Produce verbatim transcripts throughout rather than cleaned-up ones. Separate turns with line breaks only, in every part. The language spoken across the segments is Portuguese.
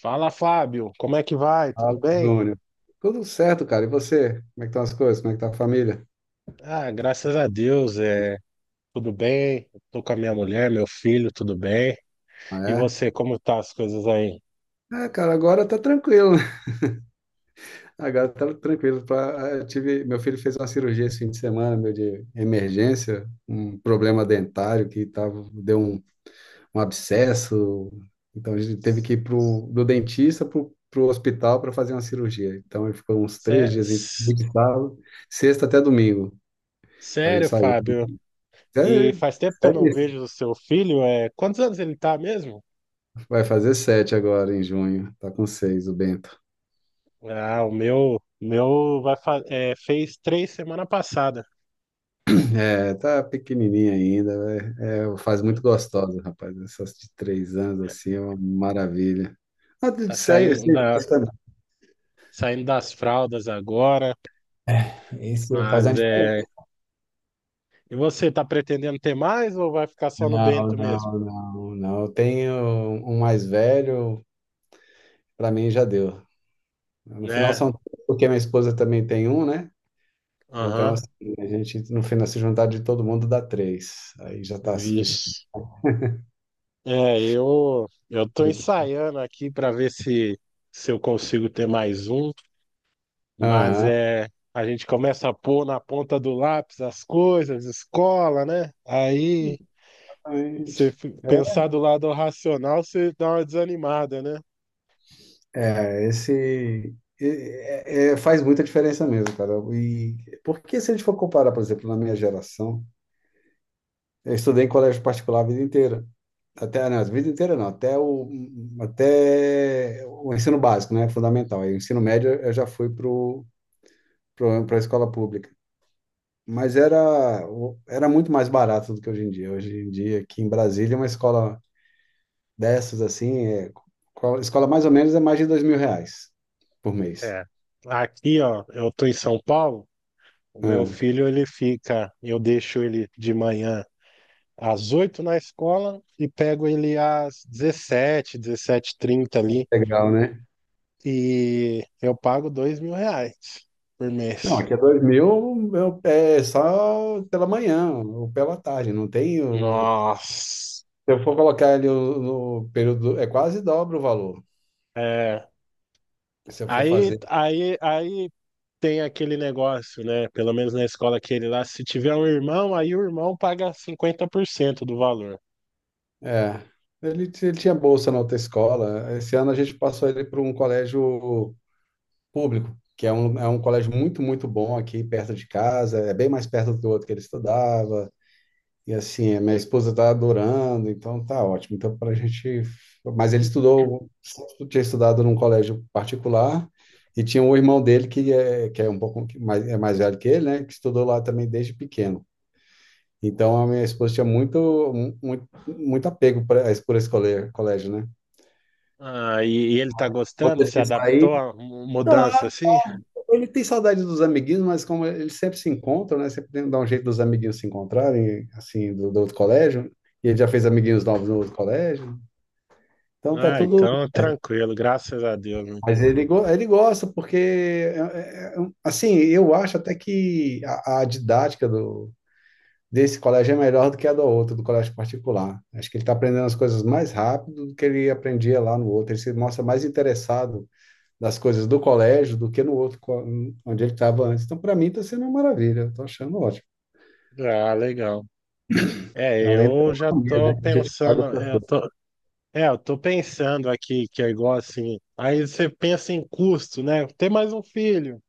Fala, Fábio, como é que vai? Tudo
Fala,
bem?
Júlio. Tudo certo, cara. E você? Como é que estão as coisas? Como é que tá a família?
Ah, graças a Deus, é tudo bem. Tô com a minha mulher, meu filho, tudo bem. E
Ah,
você, como tá as coisas aí?
é? É, cara, agora tá tranquilo, né? Agora tá tranquilo. Pra... ah, eu tive... Meu filho fez uma cirurgia esse fim de semana, meu, de emergência, um problema dentário que tava... deu um, um abscesso. Então a gente teve que ir pro... do dentista pro, pro hospital para fazer uma cirurgia. Então ele ficou uns três
Sé-
dias em
s-
sábado, sexta até domingo. A gente
Sério,
saiu.
Fábio?
É,
E faz tempo que eu não
é
vejo o seu filho. É... Quantos anos ele tá mesmo?
vai fazer sete agora em junho. Tá com seis, o Bento.
Ah, o meu, meu vai fa... é, fez três semana passada.
É, tá pequenininha ainda. vai- É, faz muito gostosa, rapaz. Essas de três anos assim é uma maravilha. Ah, de
Tá
seis,
saindo
seis
da,
anos também.
saindo das fraldas agora.
Isso faz a
Mas é.
diferença.
E você, tá pretendendo ter mais ou vai ficar só no
Não,
Bento mesmo?
não, não, não. Eu tenho um mais velho, para mim já deu. No final
Né?
são três, porque minha esposa também tem um, né? Então,
Aham.
assim, a gente, no final, se juntar de todo mundo dá três. Aí já tá suficiente.
Vixe. É, eu eu tô ensaiando aqui para ver se se eu consigo ter mais um, mas
Aham,
é a gente começa a pôr na ponta do lápis as coisas, escola, né? Aí
exatamente.
você fi- pensar do lado racional, você dá uma desanimada, né?
É, esse é- é- faz muita diferença mesmo, cara. E porque se a gente for comparar, por exemplo, na minha geração, eu estudei em colégio particular a vida inteira. Até, não, a vida inteira não, até o, até o ensino básico, né? Fundamental. Aí o ensino médio eu já fui para a escola pública. Mas era, o- era muito mais barato do que hoje em dia. Hoje em dia, aqui em Brasília, uma escola dessas, assim, é, qual- escola mais ou menos é mais de dois mil reais por mês.
É. Aqui, ó, eu tô em São Paulo, o meu
Né?
filho ele fica, eu deixo ele de manhã às oito na escola e pego ele às dezessete dezessete h 30 ali.
Legal, né?
E eu pago dois mil reais por
Não,
mês.
aqui é dois mil eu- é só pela manhã ou pela tarde, não tem o...
Nossa.
Se eu for colocar ele o- no período, é quase dobra o valor,
É.
se eu for
Aí,
fazer.
aí, aí tem aquele negócio, né? Pelo menos na escola que ele lá, se tiver um irmão, aí o irmão paga cinquenta por cento do valor.
É, ele, t- ele tinha bolsa na outra escola, esse ano a gente passou ele para um colégio público, que é um, é um colégio muito, muito bom aqui perto de casa, é bem mais perto do outro que ele estudava, e assim, a minha esposa tá adorando, então tá ótimo. Então, para a gente. Mas ele estudou, sempre tinha estudado num colégio particular, e tinha um irmão dele que é, que é um pouco mais, é mais velho que ele, né? Que estudou lá também desde pequeno. Então, a minha esposa tinha muito, mu- muito, muito apego pra, esse- por esse cole- colégio, né?
Ah, e, e ele tá
Quando
gostando?
teve
Se
que sair,
adaptou à mu- mudança assim?
ele tem saudade dos amiguinhos, mas como eles sempre se encontram, né? Sempre tem- dá um jeito dos amiguinhos se encontrarem, assim, do, do outro colégio. E ele já fez amiguinhos novos no outro colégio. Então, tá
Ah,
tudo.
então tranquilo, graças a Deus. Né?
Mas ele, go- ele gosta, porque, é- é- é um- assim, eu acho até que a, a didática do, desse colégio é melhor do que a do outro, do colégio particular. Acho que ele está aprendendo as coisas mais rápido do que ele aprendia lá no outro. Ele se mostra mais interessado nas coisas do colégio do que no outro, co- onde ele estava antes. Então, para mim, está sendo uma maravilha. Estou achando ótimo.
Ah, legal. É,
É, além da
eu já
economia,
tô
né? Que a gente paga
pensando,
para
é, eu
tudo,
tô, é, eu tô pensando aqui que é igual assim. Aí você pensa em custo, né? Ter mais um filho.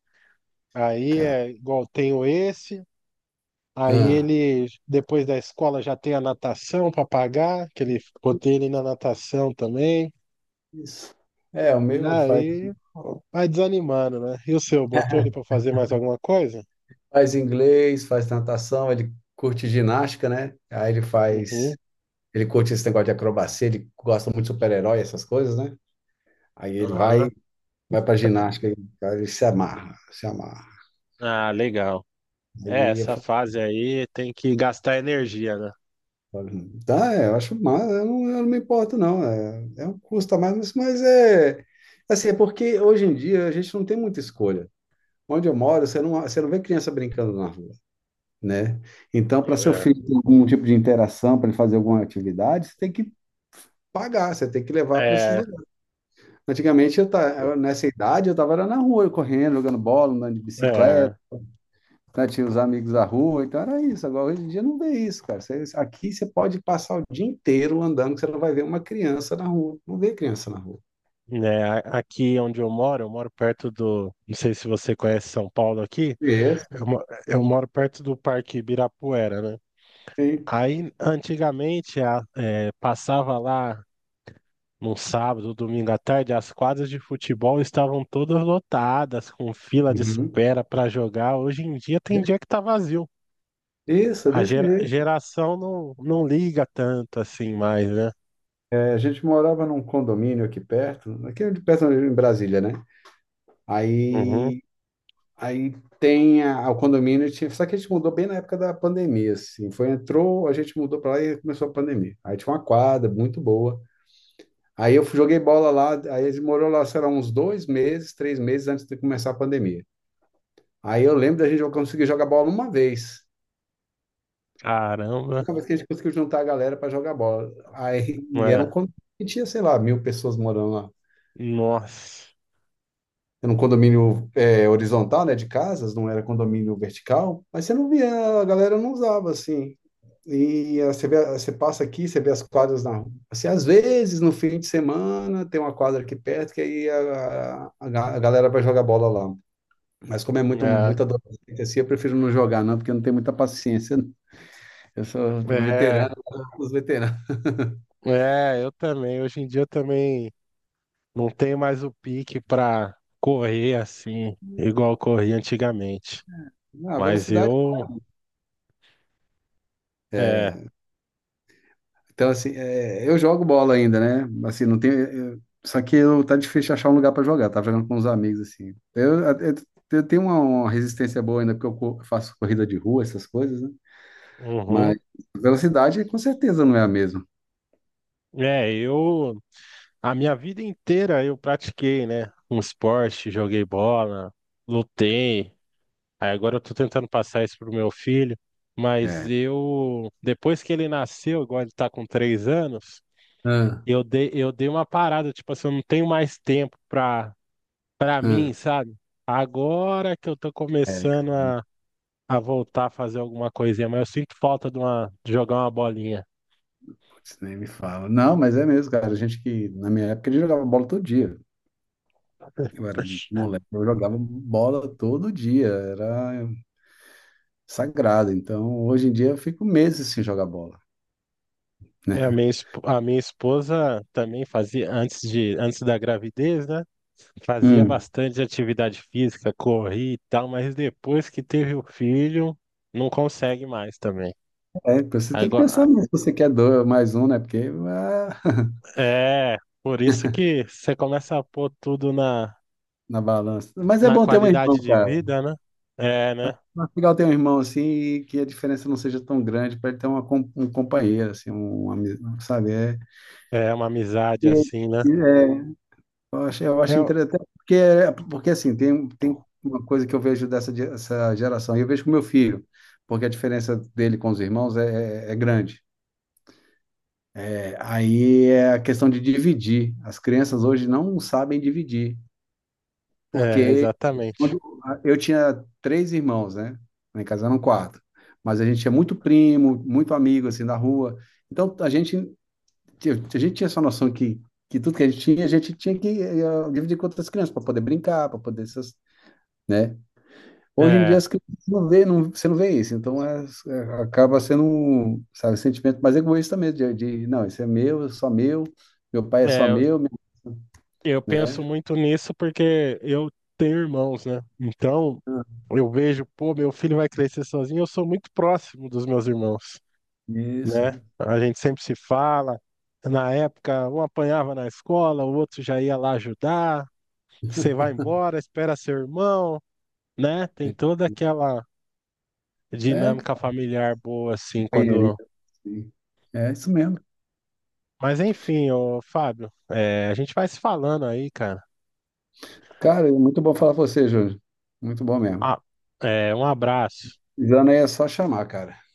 Aí
cara.
é igual tenho esse, aí
Ah,
ele depois da escola já tem a natação para pagar, que ele botei ele na natação também.
isso. É, o
E
meu faz.
aí vai desanimando, né? E o seu, botou ele para fazer mais alguma coisa?
Faz inglês, faz natação, ele curte ginástica, né? Aí ele faz,
Uhum.
ele curte esse negócio de acrobacia, ele gosta muito de super-herói, essas coisas, né? Aí ele vai,
Aham.
vai pra ginástica, e ele se amarra, se amarra.
Ah, legal. É,
Aí eu
essa
falo,
fase aí tem que gastar energia, né?
tá, é, eu acho mais, eu não, eu não me importo, não. É, é um custo a mais, mas, mas é, assim, é porque hoje em dia a gente não tem muita escolha. Onde eu moro, você não, você não vê criança brincando na rua, né? Então, para seu
É.
filho ter algum tipo de interação, para ele fazer alguma atividade, você tem que pagar, você tem que levar para esses
É,
lugares. Antigamente, eu ta- nessa idade, eu estava na rua, correndo, jogando bola, andando de bicicleta,
é,
né? Tinha os amigos da rua, então era isso. Agora, hoje em dia, não vê isso, cara. Você- aqui você pode passar o dia inteiro andando, que você não vai ver uma criança na rua. Não vê criança na rua.
né, a- aqui onde eu moro, eu moro perto do, não sei se você conhece São Paulo aqui,
Isso,
eu, mo- eu moro perto do Parque Ibirapuera, né?
sim.
Aí, antigamente, a- é, passava lá num sábado, domingo à tarde, as quadras de futebol estavam todas lotadas, com fila de
Uhum.
espera para jogar. Hoje em dia tem dia que tá vazio.
Isso, é
A
desse
gera-
jeito.
geração não, não liga tanto assim mais, né?
É, a gente morava num condomínio aqui perto, aqui de perto em Brasília, né?
Uhum.
Aí Aí tem a, o condomínio, tinha, só que a gente mudou bem na época da pandemia, assim. Foi, entrou, a gente mudou para lá e começou a pandemia. Aí tinha uma quadra muito boa. Aí eu fui- joguei bola lá, aí eles morou lá, sei lá, uns dois meses, três meses antes de começar a pandemia. Aí eu lembro da gente conseguir jogar bola uma vez.
Caramba,
Uma vez que a gente conseguiu juntar a galera para jogar bola. Aí, e era um
é,
condomínio que tinha, sei lá, mil pessoas morando lá.
nossa.
Era um condomínio é, horizontal, né, de casas, não era condomínio vertical, mas você não via, a galera não usava assim. E ah, você vê, você passa aqui, você vê as quadras na rua. Assim, às vezes, no fim de semana, tem uma quadra aqui perto que aí a, a, a ga- a galera vai jogar bola lá. Mas como é muito,
É.
muito adolescente assim, eu prefiro não jogar, não, porque eu não tenho muita paciência. Eu sou
É,
veterano, os veteranos.
é, eu também. Hoje em dia eu também não tenho mais o pique pra correr assim, igual eu corria antigamente.
Ah, a
Mas
velocidade.
eu, é,
É, então, assim, é, eu jogo bola ainda, né? Assim, não tem. Eu- só que eu, tá difícil achar um lugar pra jogar. Tava jogando com uns amigos, assim. Eu, eu, eu tenho uma, uma resistência boa ainda, porque eu co- faço corrida de rua, essas coisas, né?
uhum,
Mas velocidade com certeza não é a mesma.
é, eu, a minha vida inteira eu pratiquei, né? Um esporte, joguei bola, lutei. Aí agora eu tô tentando passar isso pro meu filho. Mas
É,
eu, depois que ele nasceu, igual ele tá com três anos,
ah,
eu dei, eu dei uma parada, tipo assim, eu não tenho mais tempo pra Pra
ah.
mim, sabe? Agora que eu tô
É,
começando a, a voltar a fazer alguma coisinha, mas eu sinto falta de, uma, de jogar uma bolinha.
putz, nem me fala. Não, mas é mesmo, cara. A gente que, na minha época, a gente jogava bola todo dia. Eu era moleque, eu jogava bola todo dia. Era sagrado. Então, hoje em dia, eu fico meses sem jogar bola,
É, a
né?
minha, esp- a minha esposa também fazia, antes de, antes da gravidez, né? Fazia
Hum.
bastante atividade física, corria e tal, mas depois que teve o filho, não consegue mais também.
É, você tem que pensar
Agora,
nisso, se você quer dois, mais um, né? Porque ah,
é, por isso que você começa a pôr tudo na,
na balança. Mas é
na
bom ter um irmão,
qualidade de
cara.
vida, né? É, né?
Mas é legal ter um irmão assim e que a diferença não seja tão grande para ele ter uma, com- um companheiro, assim, um amigo, sabe? É,
É uma amizade
e-
assim, né?
e é, eu acho, eu
É,
acho
o-
interessante, até porque, porque assim, tem, tem uma coisa que eu vejo dessa, ge- essa geração, e eu vejo com meu filho, porque a diferença dele com os irmãos é, é é grande. É, aí é a questão de dividir. As crianças hoje não sabem dividir,
é,
porque
exatamente.
quando eu tinha três irmãos, né? Lá em casa eram quatro. Mas a gente tinha muito primo, muito amigo, assim, da rua. Então, a gente, a gente tinha essa noção que, que tudo que a gente tinha, a gente tinha que eh, dividir com outras crianças para poder brincar, para poder essas, né? Hoje em dia,
É,
as crianças não vê, não, você não vê isso. Então, é- é- acaba sendo, um, sabe, sentimento mais egoísta mesmo, de, de, não, isso é meu, é só meu, meu pai é só
é,
meu,
eu penso
né?
muito nisso porque eu tenho irmãos, né? Então, eu vejo, pô, meu filho vai crescer sozinho, eu sou muito próximo dos meus irmãos,
Isso.
né? A gente sempre se fala. Na época, um apanhava na escola, o outro já ia lá ajudar. Você vai embora, espera seu irmão, né? Tem toda aquela
É,
dinâmica
cara,
familiar boa, assim, quando.
companheirismo, sim. É isso mesmo.
Mas enfim, ô Fábio, é, a gente vai se falando aí, cara.
Cara, é muito bom falar com você, Júlio. Muito bom mesmo.
Ah, é, um abraço.
Precisando aí é só chamar, cara.